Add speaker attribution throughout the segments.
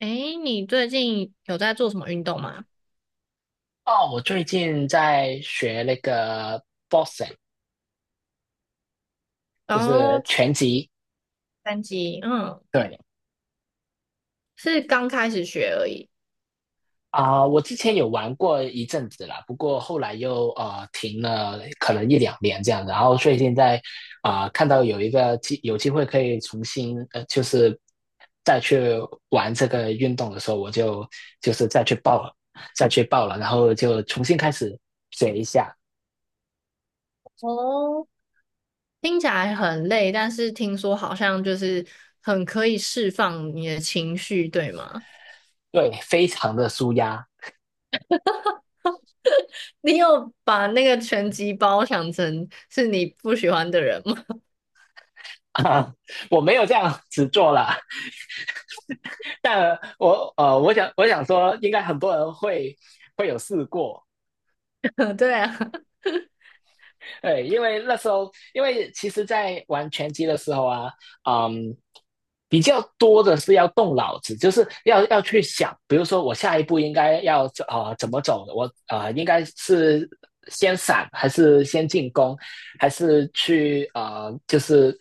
Speaker 1: 诶，你最近有在做什么运动吗？
Speaker 2: 哦，我最近在学那个 boxing，
Speaker 1: 然
Speaker 2: 就是
Speaker 1: 后
Speaker 2: 拳击。
Speaker 1: 拳击，嗯，
Speaker 2: 对
Speaker 1: 是刚开始学而已。
Speaker 2: 啊，我之前有玩过一阵子啦，不过后来又停了，可能一两年这样。然后最近在看到有一个机有机会可以重新就是再去玩这个运动的时候，我就是再去报了，然后就重新开始学一下。
Speaker 1: 哦，听起来很累，但是听说好像就是很可以释放你的情绪，对吗？
Speaker 2: 对，非常的舒压
Speaker 1: 你有把那个拳击包想成是你不喜欢的人吗？
Speaker 2: 我没有这样子做了。但我想说，应该很多人会有试过，
Speaker 1: 对啊，
Speaker 2: 对，因为那时候，因为其实，在玩拳击的时候啊，嗯，比较多的是要动脑子，就是要去想，比如说我下一步应该要怎么走，我应该是先闪还是先进攻，还是去啊就是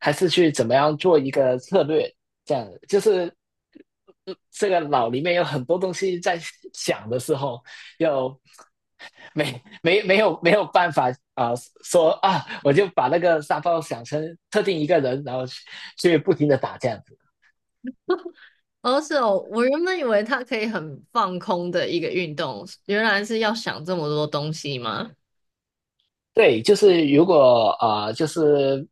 Speaker 2: 还是去怎么样做一个策略，这样就是这个脑里面有很多东西在想的时候，就没有办法说啊，我就把那个沙包想成特定一个人，然后去不停的打这样子。
Speaker 1: 哦是哦，我原本以为它可以很放空的一个运动，原来是要想这么多东西吗？
Speaker 2: 对，就是如果就是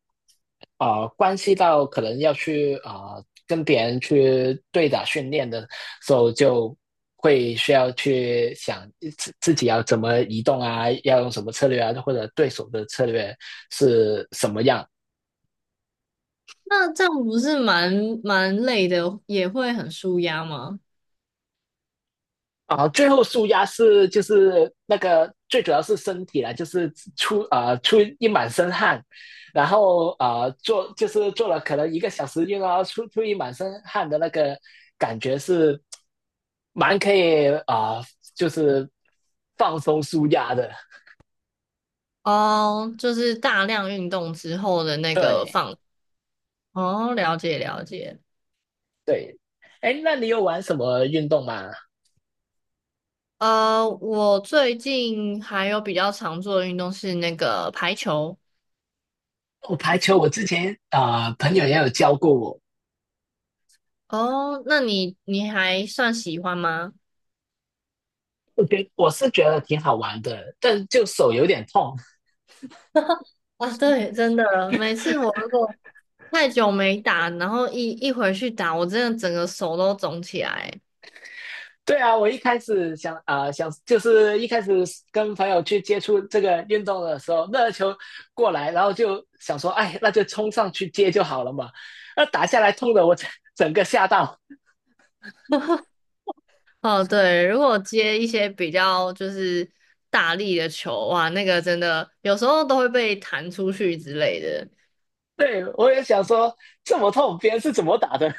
Speaker 2: 关系到可能要去跟别人去对打训练的时候，就会需要去想自己要怎么移动啊，要用什么策略啊，或者对手的策略是什么样
Speaker 1: 那这样不是蛮累的，也会很舒压吗？
Speaker 2: 啊，最后舒压是就是那个最主要是身体啦，就是出一满身汗，然后做就是做了可能一个小时运动啊，然后出一满身汗的那个感觉是蛮可以就是放松舒压的。
Speaker 1: 哦，就是大量运动之后的那个
Speaker 2: 对
Speaker 1: 放。哦，了解了解。
Speaker 2: 对，哎，那你有玩什么运动吗？
Speaker 1: 我最近还有比较常做的运动是那个排球。
Speaker 2: 我排球，我之前朋友也有教过我，
Speaker 1: 哦，那你还算喜欢吗？
Speaker 2: 我是觉得挺好玩的，但就手有点痛。
Speaker 1: 啊，对，真的，每次我如果太久没打，然后一回去打，我真的整个手都肿起来。
Speaker 2: 对啊，我一开始想就是一开始跟朋友去接触这个运动的时候，那个球过来，然后就想说，哎，那就冲上去接就好了嘛。那打下来痛的我整个吓到，
Speaker 1: 哦，对，如果接一些比较就是大力的球，哇，那个真的有时候都会被弹出去之类的，
Speaker 2: 对我也想说这么痛，别人是怎么打的？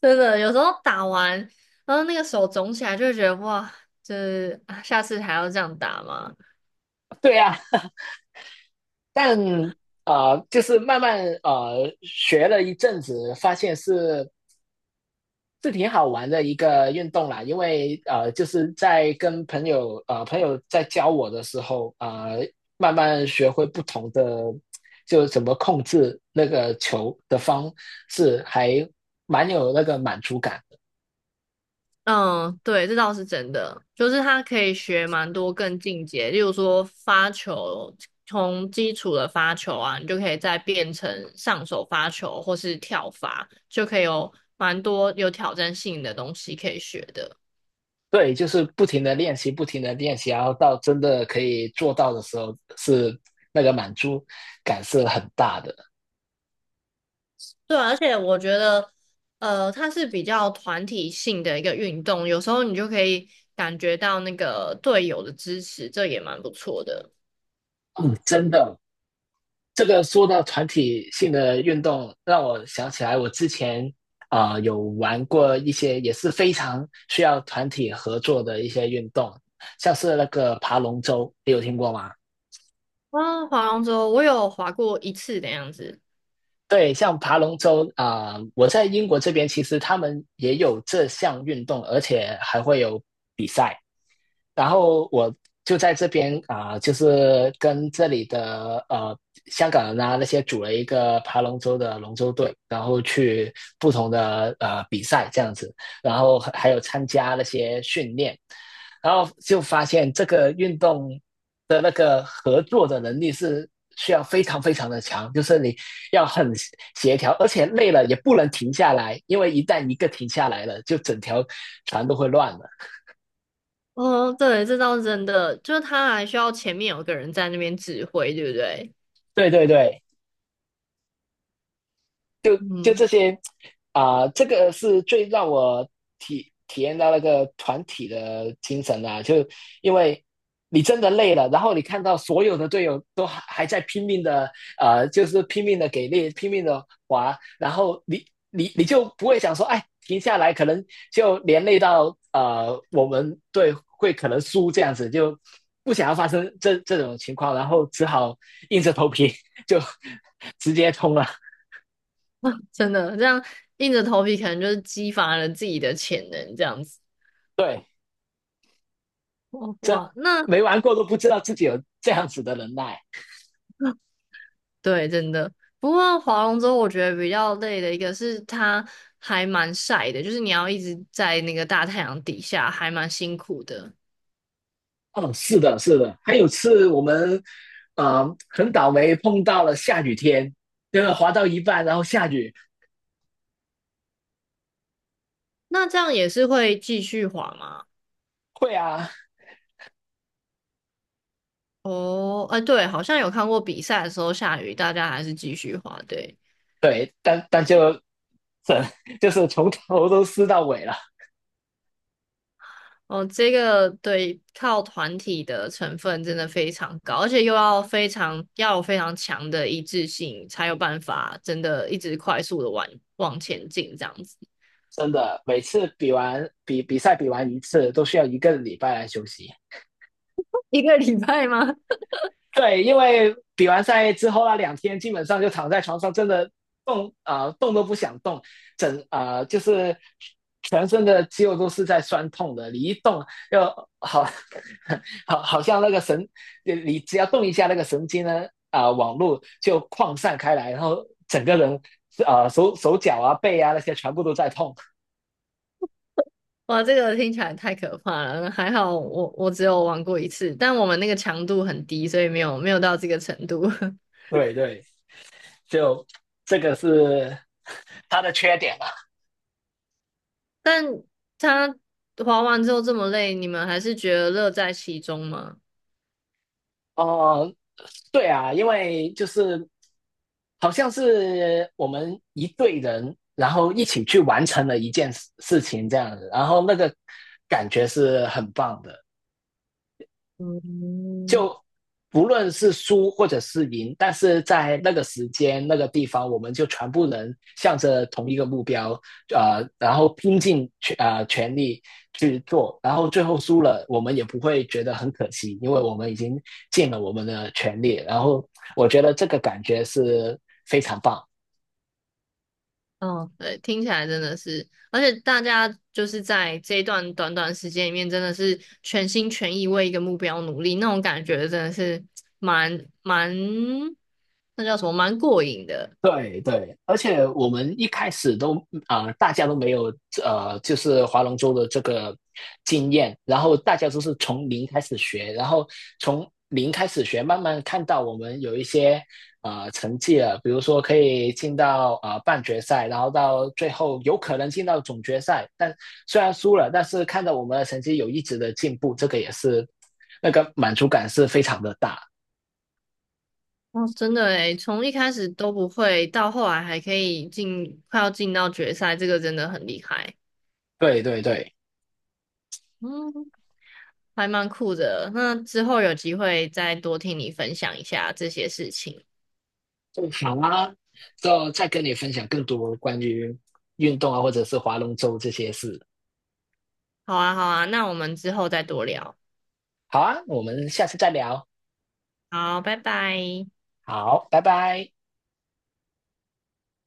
Speaker 1: 真的有时候打完，然后那个手肿起来，就会觉得哇，就是啊下次还要这样打吗？
Speaker 2: 对啊，但就是慢慢学了一阵子，发现是挺好玩的一个运动啦，因为就是在跟朋友朋友在教我的时候，慢慢学会不同的，就怎么控制那个球的方式，还蛮有那个满足感。
Speaker 1: 嗯，对，这倒是真的，就是他可以学蛮多更进阶，例如说发球，从基础的发球啊，你就可以再变成上手发球或是跳发，就可以有蛮多有挑战性的东西可以学的。
Speaker 2: 对，就是不停的练习，不停的练习，然后到真的可以做到的时候，是那个满足感是很大的。
Speaker 1: 对啊而且我觉得，它是比较团体性的一个运动，有时候你就可以感觉到那个队友的支持，这也蛮不错的。
Speaker 2: 嗯，真的，这个说到团体性的运动，让我想起来我之前有玩过一些也是非常需要团体合作的一些运动，像是那个爬龙舟，你有听过吗？
Speaker 1: 啊，划龙舟我有划过一次的样子。
Speaker 2: 对，像爬龙舟我在英国这边其实他们也有这项运动，而且还会有比赛。然后我就在这边就是跟这里的香港人啊那些组了一个爬龙舟的龙舟队，然后去不同的比赛这样子，然后还有参加那些训练，然后就发现这个运动的那个合作的能力是需要非常非常的强，就是你要很协调，而且累了也不能停下来，因为一旦一个停下来了，就整条船都会乱了。
Speaker 1: 哦，对，这倒是真的，就是他还需要前面有个人在那边指挥，对不对？
Speaker 2: 对对对。就
Speaker 1: 嗯，
Speaker 2: 这些这个是最让我体验到那个团体的精神啊，就因为你真的累了，然后你看到所有的队友都还在拼命的就是拼命的给力，拼命的滑，然后你就不会想说，哎，停下来，可能就连累到我们队会可能输这样子，就不想要发生这种情况，然后只好硬着头皮 就直接冲了。
Speaker 1: 真的，这样硬着头皮，可能就是激发了自己的潜能，这样子。
Speaker 2: 对，
Speaker 1: 哦
Speaker 2: 真
Speaker 1: 哇，哇那
Speaker 2: 没玩过都不知道自己有这样子的能耐。
Speaker 1: 对，真的。不过划龙舟，我觉得比较累的一个是它还蛮晒的，就是你要一直在那个大太阳底下，还蛮辛苦的。
Speaker 2: 哦，是的，是的。还有次我们，很倒霉碰到了下雨天，就是滑到一半然后下雨。
Speaker 1: 那这样也是会继续滑吗？
Speaker 2: 会啊，
Speaker 1: 哦，哎，对，好像有看过比赛的时候下雨，大家还是继续滑，对。
Speaker 2: 对，但就整 就是从头都湿到尾了。
Speaker 1: 哦，这个对，靠团体的成分真的非常高，而且又要非常要有非常强的一致性，才有办法真的一直快速的往前进这样子。
Speaker 2: 真的，每次比赛比完一次，都需要一个礼拜来休息。
Speaker 1: 一个礼拜吗？
Speaker 2: 对，因为比完赛之后那两天，基本上就躺在床上，真的动都不想动，就是全身的肌肉都是在酸痛的，你一动又好 好像那个神，你只要动一下那个神经呢网络就扩散开来，然后整个人手脚啊背啊那些全部都在痛。
Speaker 1: 哇，这个听起来太可怕了。还好我只有玩过一次，但我们那个强度很低，所以没有到这个程度。
Speaker 2: 对对，就这个是 它的缺点嘛。
Speaker 1: 但他滑完之后这么累，你们还是觉得乐在其中吗？
Speaker 2: 啊哦、呃对啊，因为就是好像是我们一队人，然后一起去完成了一件事情这样子，然后那个感觉是很棒的，
Speaker 1: 嗯。
Speaker 2: 就不论是输或者是赢，但是在那个时间那个地方，我们就全部人向着同一个目标，然后拼尽全力去做，然后最后输了，我们也不会觉得很可惜，因为我们已经尽了我们的全力，然后我觉得这个感觉是非常棒。
Speaker 1: 嗯，对，听起来真的是，而且大家就是在这一段短短时间里面，真的是全心全意为一个目标努力，那种感觉真的是蛮，那叫什么，蛮过瘾的。
Speaker 2: 对对，而且我们一开始大家都没有就是划龙舟的这个经验，然后大家都是从零开始学，然后从零开始学，慢慢看到我们有一些成绩了，比如说可以进到半决赛，然后到最后有可能进到总决赛，但虽然输了，但是看到我们的成绩有一直的进步，这个也是那个满足感是非常的大。
Speaker 1: 哦，真的诶，从一开始都不会，到后来还可以进，快要进到决赛，这个真的很厉害。
Speaker 2: 对对对。
Speaker 1: 嗯，还蛮酷的。那之后有机会再多听你分享一下这些事情。
Speaker 2: 好啊，之后再跟你分享更多关于运动啊，或者是划龙舟这些事。
Speaker 1: 好啊，好啊，那我们之后再多聊。
Speaker 2: 好啊，我们下次再聊。
Speaker 1: 好，拜拜。
Speaker 2: 好，拜拜。